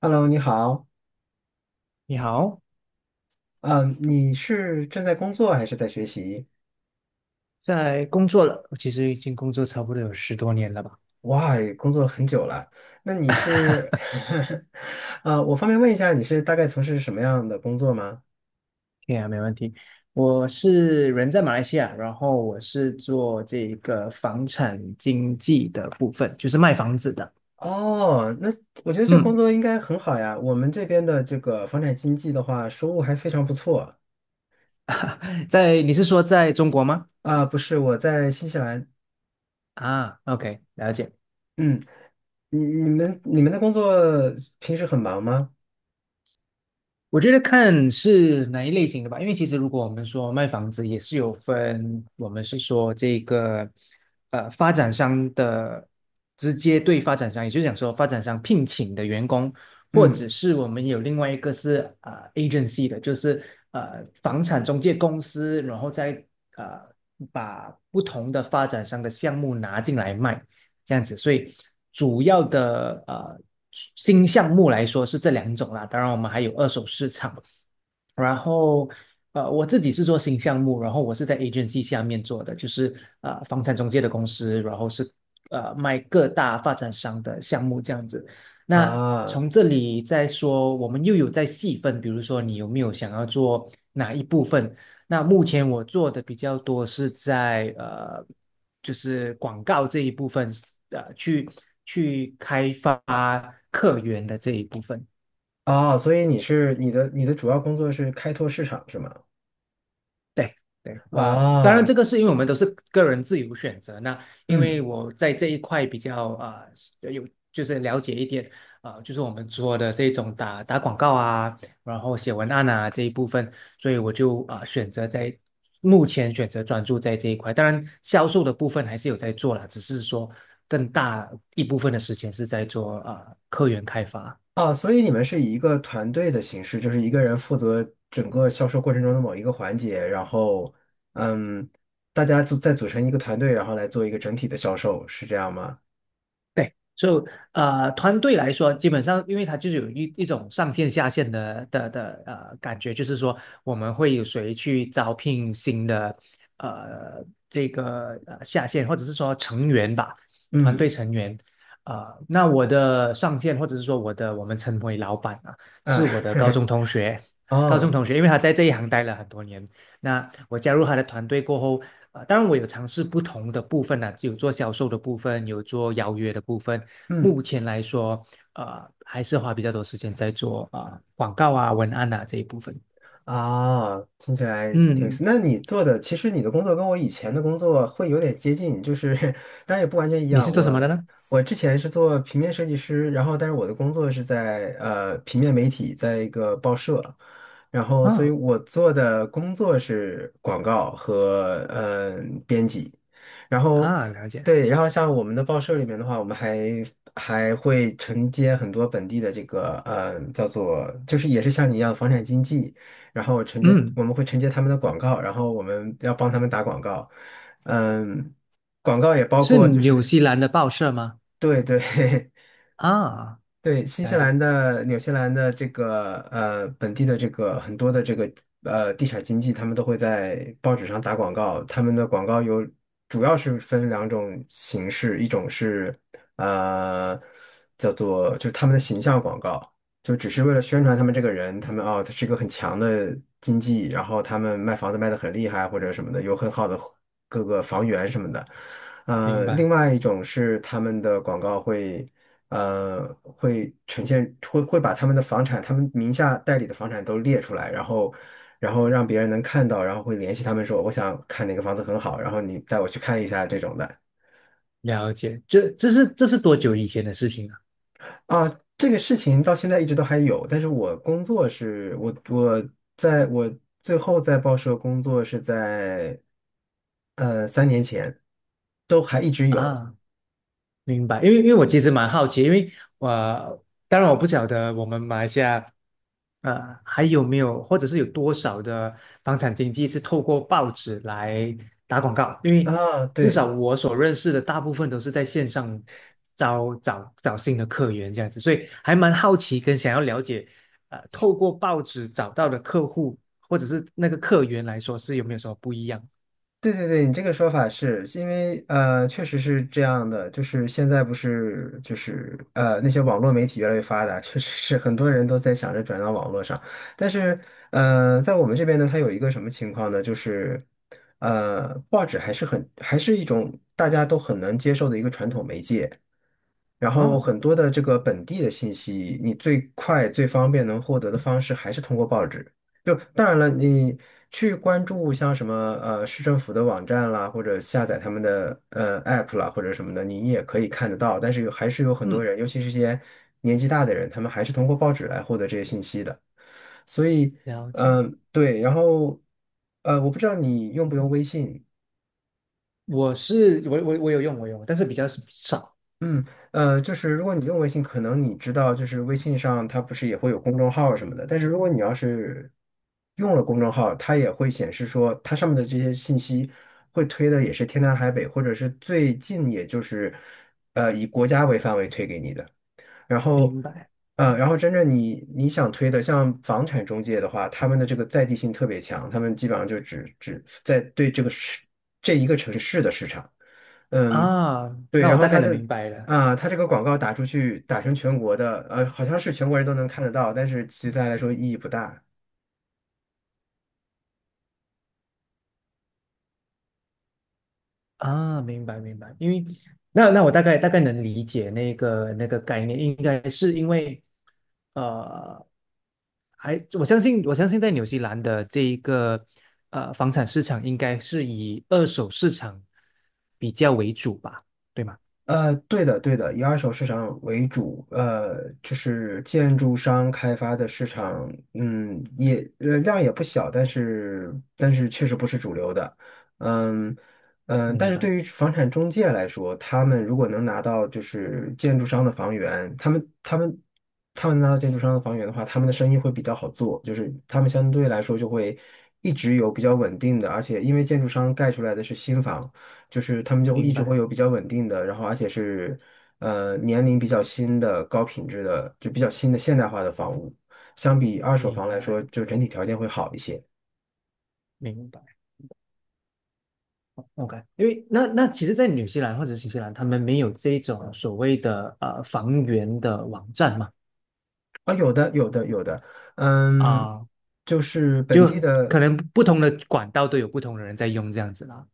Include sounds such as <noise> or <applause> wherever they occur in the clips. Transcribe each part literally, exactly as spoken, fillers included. Hello，你好。你好，嗯，你是正在工作还是在学习？在工作了，我其实已经工作差不多有十多年了吧？哇，工作很久了。那你是，<laughs> <laughs> 呃，我方便问一下，你是大概从事什么样的工作吗？对啊，没问题。我是人在马来西亚，然后我是做这个房产经纪的部分，就是卖房子的。哦，那我觉得这工嗯，作应该很好呀。我们这边的这个房产经纪的话，收入还非常不错在你是说在中国吗？啊。不是，我在新西兰。啊，OK，了解。嗯，你你们你们的工作平时很忙吗？我觉得看是哪一类型的吧，因为其实如果我们说卖房子，也是有分，我们是说这个呃发展商的直接对发展商，也就是讲说发展商聘请的员工，或者嗯。是我们有另外一个是呃 agency 的，就是呃房产中介公司，然后再呃把不同的发展商的项目拿进来卖。这样子，所以主要的呃新项目来说是这两种啦，当然我们还有二手市场，然后呃我自己是做新项目，然后我是在 agency 下面做的，就是呃房产中介的公司，然后是呃卖各大发展商的项目这样子。那啊。从这里再说，我们又有在细分，比如说你有没有想要做哪一部分？那目前我做的比较多是在呃，就是广告这一部分，呃，去去开发客源的这一部分。哦，所以你是你的你的主要工作是开拓市场是吗？对对，哇，当然啊。这个是因为我们都是个人自由选择。那因为嗯。我在这一块比较啊、呃有就是了解一点啊、呃就是我们做的这种打打广告啊，然后写文案啊这一部分，所以我就啊、呃选择在目前选择专注在这一块。当然，销售的部分还是有在做啦，只是说更大一部分的时间是在做啊、呃客源开发。啊，所以你们是以一个团队的形式，就是一个人负责整个销售过程中的某一个环节，然后，嗯，大家组再组成一个团队，然后来做一个整体的销售，是这样吗？对，就、呃，团队来说，基本上因为它就是有一一种上线下线的的的呃感觉，就是说我们会有谁去招聘新的呃这个呃下线，或者是说成员吧，团队嗯。成员。呃，那我的上线或者是说我的我们称为老板啊，是啊。我的高中同学，<laughs> 高中哦。同学，因为他在这一行待了很多年，那我加入他的团队过后，呃，当然我有尝试不同的部分呢、有做销售的部分，有做邀约的部分。嗯。目前来说，呃，还是花比较多时间在做啊、呃广告啊、文案啊这一部分。啊，听起来挺有意嗯，思。那你做的，其实你的工作跟我以前的工作会有点接近，就是 <laughs> 当然也不完全一你是样。做什么的我呢？我之前是做平面设计师，然后但是我的工作是在呃平面媒体，在一个报社。然后所以啊我做的工作是广告和呃编辑。然后啊，了解。对。然后像我们的报社里面的话，我们还还会承接很多本地的这个呃叫做就是也是像你一样的房产经纪。然后承接嗯，我们会承接他们的广告，然后我们要帮他们打广告。嗯，广告也包是括就纽是西兰的报社吗？对对。<laughs> 啊，对，新西了兰解，的、纽西兰的这个呃本地的这个很多的这个呃地产经济，他们都会在报纸上打广告。他们的广告有主要是分两种形式。一种是呃叫做就是他们的形象广告，就只是为了宣传他们这个人。他们哦他是一个很强的经济，然后他们卖房子卖得很厉害或者什么的，有很好的各个房源什么的。呃，明另白，外一种是他们的广告会，呃，会呈现，会会把他们的房产，他们名下代理的房产都列出来。然后，然后让别人能看到，然后会联系他们说，我想看哪个房子很好，然后你带我去看一下这种的。了解。这这是这是多久以前的事情啊？啊，这个事情到现在一直都还有，但是我工作是，我我在我最后在报社工作是在，呃，三年前，都还一直有。啊明白，因为因为我其实蛮好奇，因为我、呃当然我不晓得我们马来西亚，呃，还有没有或者是有多少的房产经纪是透过报纸来打广告，因为啊，至少对，我所认识的大部分都是在线上招找找新的客源这样子，所以还蛮好奇跟想要了解，呃，透过报纸找到的客户或者是那个客源来说是有没有什么不一样？对对对。你这个说法是是因为呃，确实是这样的。就是现在不是就是呃那些网络媒体越来越发达，确实是很多人都在想着转到网络上，但是呃，在我们这边呢，它有一个什么情况呢？就是呃，报纸还是很还是一种大家都很难接受的一个传统媒介。然后哦，很多的这个本地的信息，你最快最方便能获得的方式还是通过报纸。就当然了，你去关注像什么呃市政府的网站啦，或者下载他们的呃 app 啦，或者什么的，你也可以看得到。但是有还是有很多嗯，人，尤其是一些年纪大的人，他们还是通过报纸来获得这些信息的。所以，了解。嗯、对。然后呃，我不知道你用不用微信。我是我我我有用我有用，但是比较少。嗯。呃，就是如果你用微信，可能你知道，就是微信上它不是也会有公众号什么的，但是如果你要是用了公众号，它也会显示说它上面的这些信息会推的也是天南海北，或者是最近也就是呃以国家为范围推给你的。然后，明白呃，然后真正你你想推的，像房产中介的话，他们的这个在地性特别强，他们基本上就只只在对这个市这一个城市的市场。嗯，啊，对。那然我后大概他能的明白了啊、他这个广告打出去打成全国的，呃，好像是全国人都能看得到，但是其实对他来说意义不大。啊，明白明白。因为那那我大概大概能理解那个那个概念，应该是因为呃，还我相信我相信在纽西兰的这一个呃房产市场应该是以二手市场比较为主吧，对吗？呃，对的，对的。以二手市场为主。呃，就是建筑商开发的市场。嗯，也呃量也不小，但是但是确实不是主流的。嗯嗯、呃但明是白对于房产中介来说，他们如果能拿到就是建筑商的房源，他们他们他们拿到建筑商的房源的话，他们的生意会比较好做，就是他们相对来说就会一直有比较稳定的，而且因为建筑商盖出来的是新房。就是他们就一明直白会有比较稳定的，然后而且是呃年龄比较新的、高品质的，就比较新的现代化的房屋，相比二手明房来说，白就整体条件会好一些。明白。OK，因为那那其实，在纽西兰或者新西兰，他们没有这种所谓的呃房源的网站嘛，啊，有的，有的，有的。嗯，啊、就是本就地可的。能不同的管道都有不同的人在用这样子啦。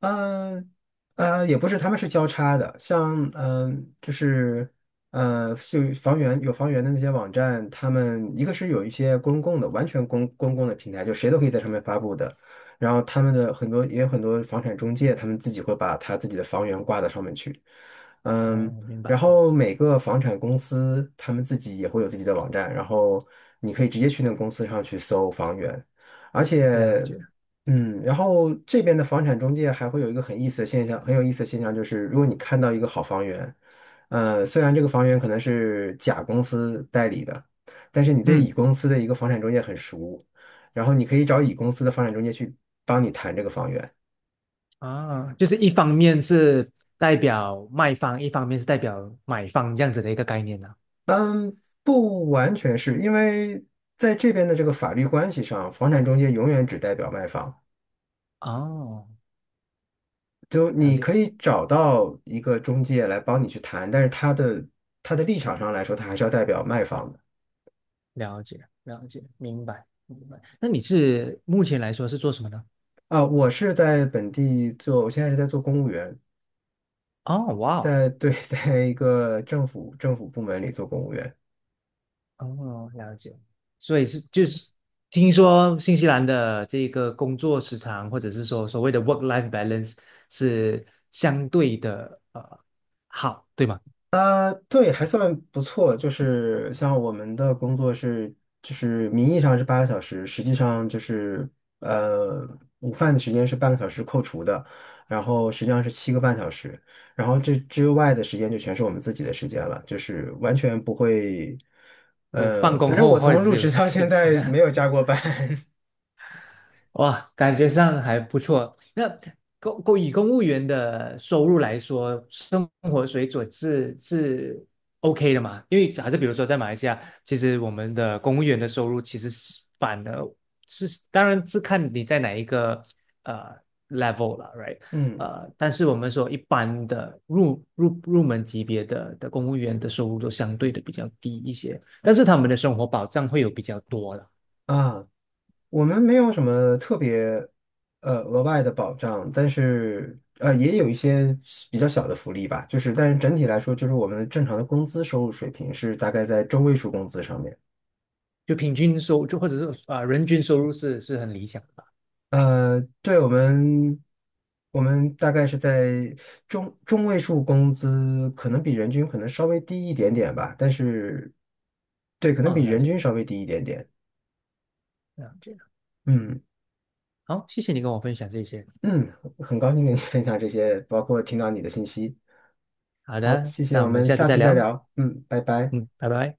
嗯呃，也不是，他们是交叉的，像嗯、呃就是呃，就房源有房源的那些网站。他们一个是有一些公共的，完全公公共的平台，就谁都可以在上面发布的。然后他们的很多也有很多房产中介，他们自己会把他自己的房源挂到上面去。嗯，哦，明然白，后每个房产公司他们自己也会有自己的网站，然后你可以直接去那个公司上去搜房源。而了且解。嗯，然后这边的房产中介还会有一个很意思的现象，很有意思的现象就是，如果你看到一个好房源，呃，虽然这个房源可能是甲公司代理的，但是你对乙嗯，公司的一个房产中介很熟，然后你可以找乙公司的房产中介去帮你谈这个房源。啊，就是一方面是代表卖方，一方面是代表买方这样子的一个概念呢、嗯。不完全是因为在这边的这个法律关系上，房产中介永远只代表卖方。哦，就了你解，可以找到一个中介来帮你去谈，但是他的他的立场上来说，他还是要代表卖方的。了解，了解，明白，明白。那你是目前来说是做什么呢？啊，我是在本地做，我现在是在做公务员。哦，哇哦，在对，<laughs> 在一个政府政府部门里做公务员。哦，了解。所以是就是听说新西兰的这个工作时长，或者是说所谓的 work-life balance 是相对的呃好，对吗？啊，对，还算不错。就是像我们的工作是，就是名义上是八个小时，实际上就是呃，午饭的时间是半个小时扣除的，然后实际上是七个半小时。然后这之外的时间就全是我们自己的时间了，就是完全不会。有放呃，工反正后我或从者入是有职到现兴趣，在没有 <laughs> 加过班。哇，感觉上还不错。那公公以公务员的收入来说，生活水准是是 OK 的嘛？因为还是比如说在马来西亚，其实我们的公务员的收入其实是反而是，当然是看你在哪一个呃 level 了，right？<laughs> 嗯。呃，但是我们说一般的入入入门级别的的公务员的收入都相对的比较低一些，但是他们的生活保障会有比较多了。啊，我们没有什么特别呃额外的保障，但是呃也有一些比较小的福利吧。就是但是整体来说，就是我们正常的工资收入水平是大概在中位数工资上面。就平均收就或者是啊、呃人均收入是是很理想的吧？呃，对我们，我们大概是在中中位数工资，可能比人均可能稍微低一点点吧，但是对，可能啊、哦比了人解均稍微低一点点。了解。嗯好，谢谢你跟我分享这些。嗯，很高兴跟你分享这些，包括听到你的信息。好好，的，谢谢，那我我们们下次下再次再聊。聊。嗯，拜拜。嗯，拜拜。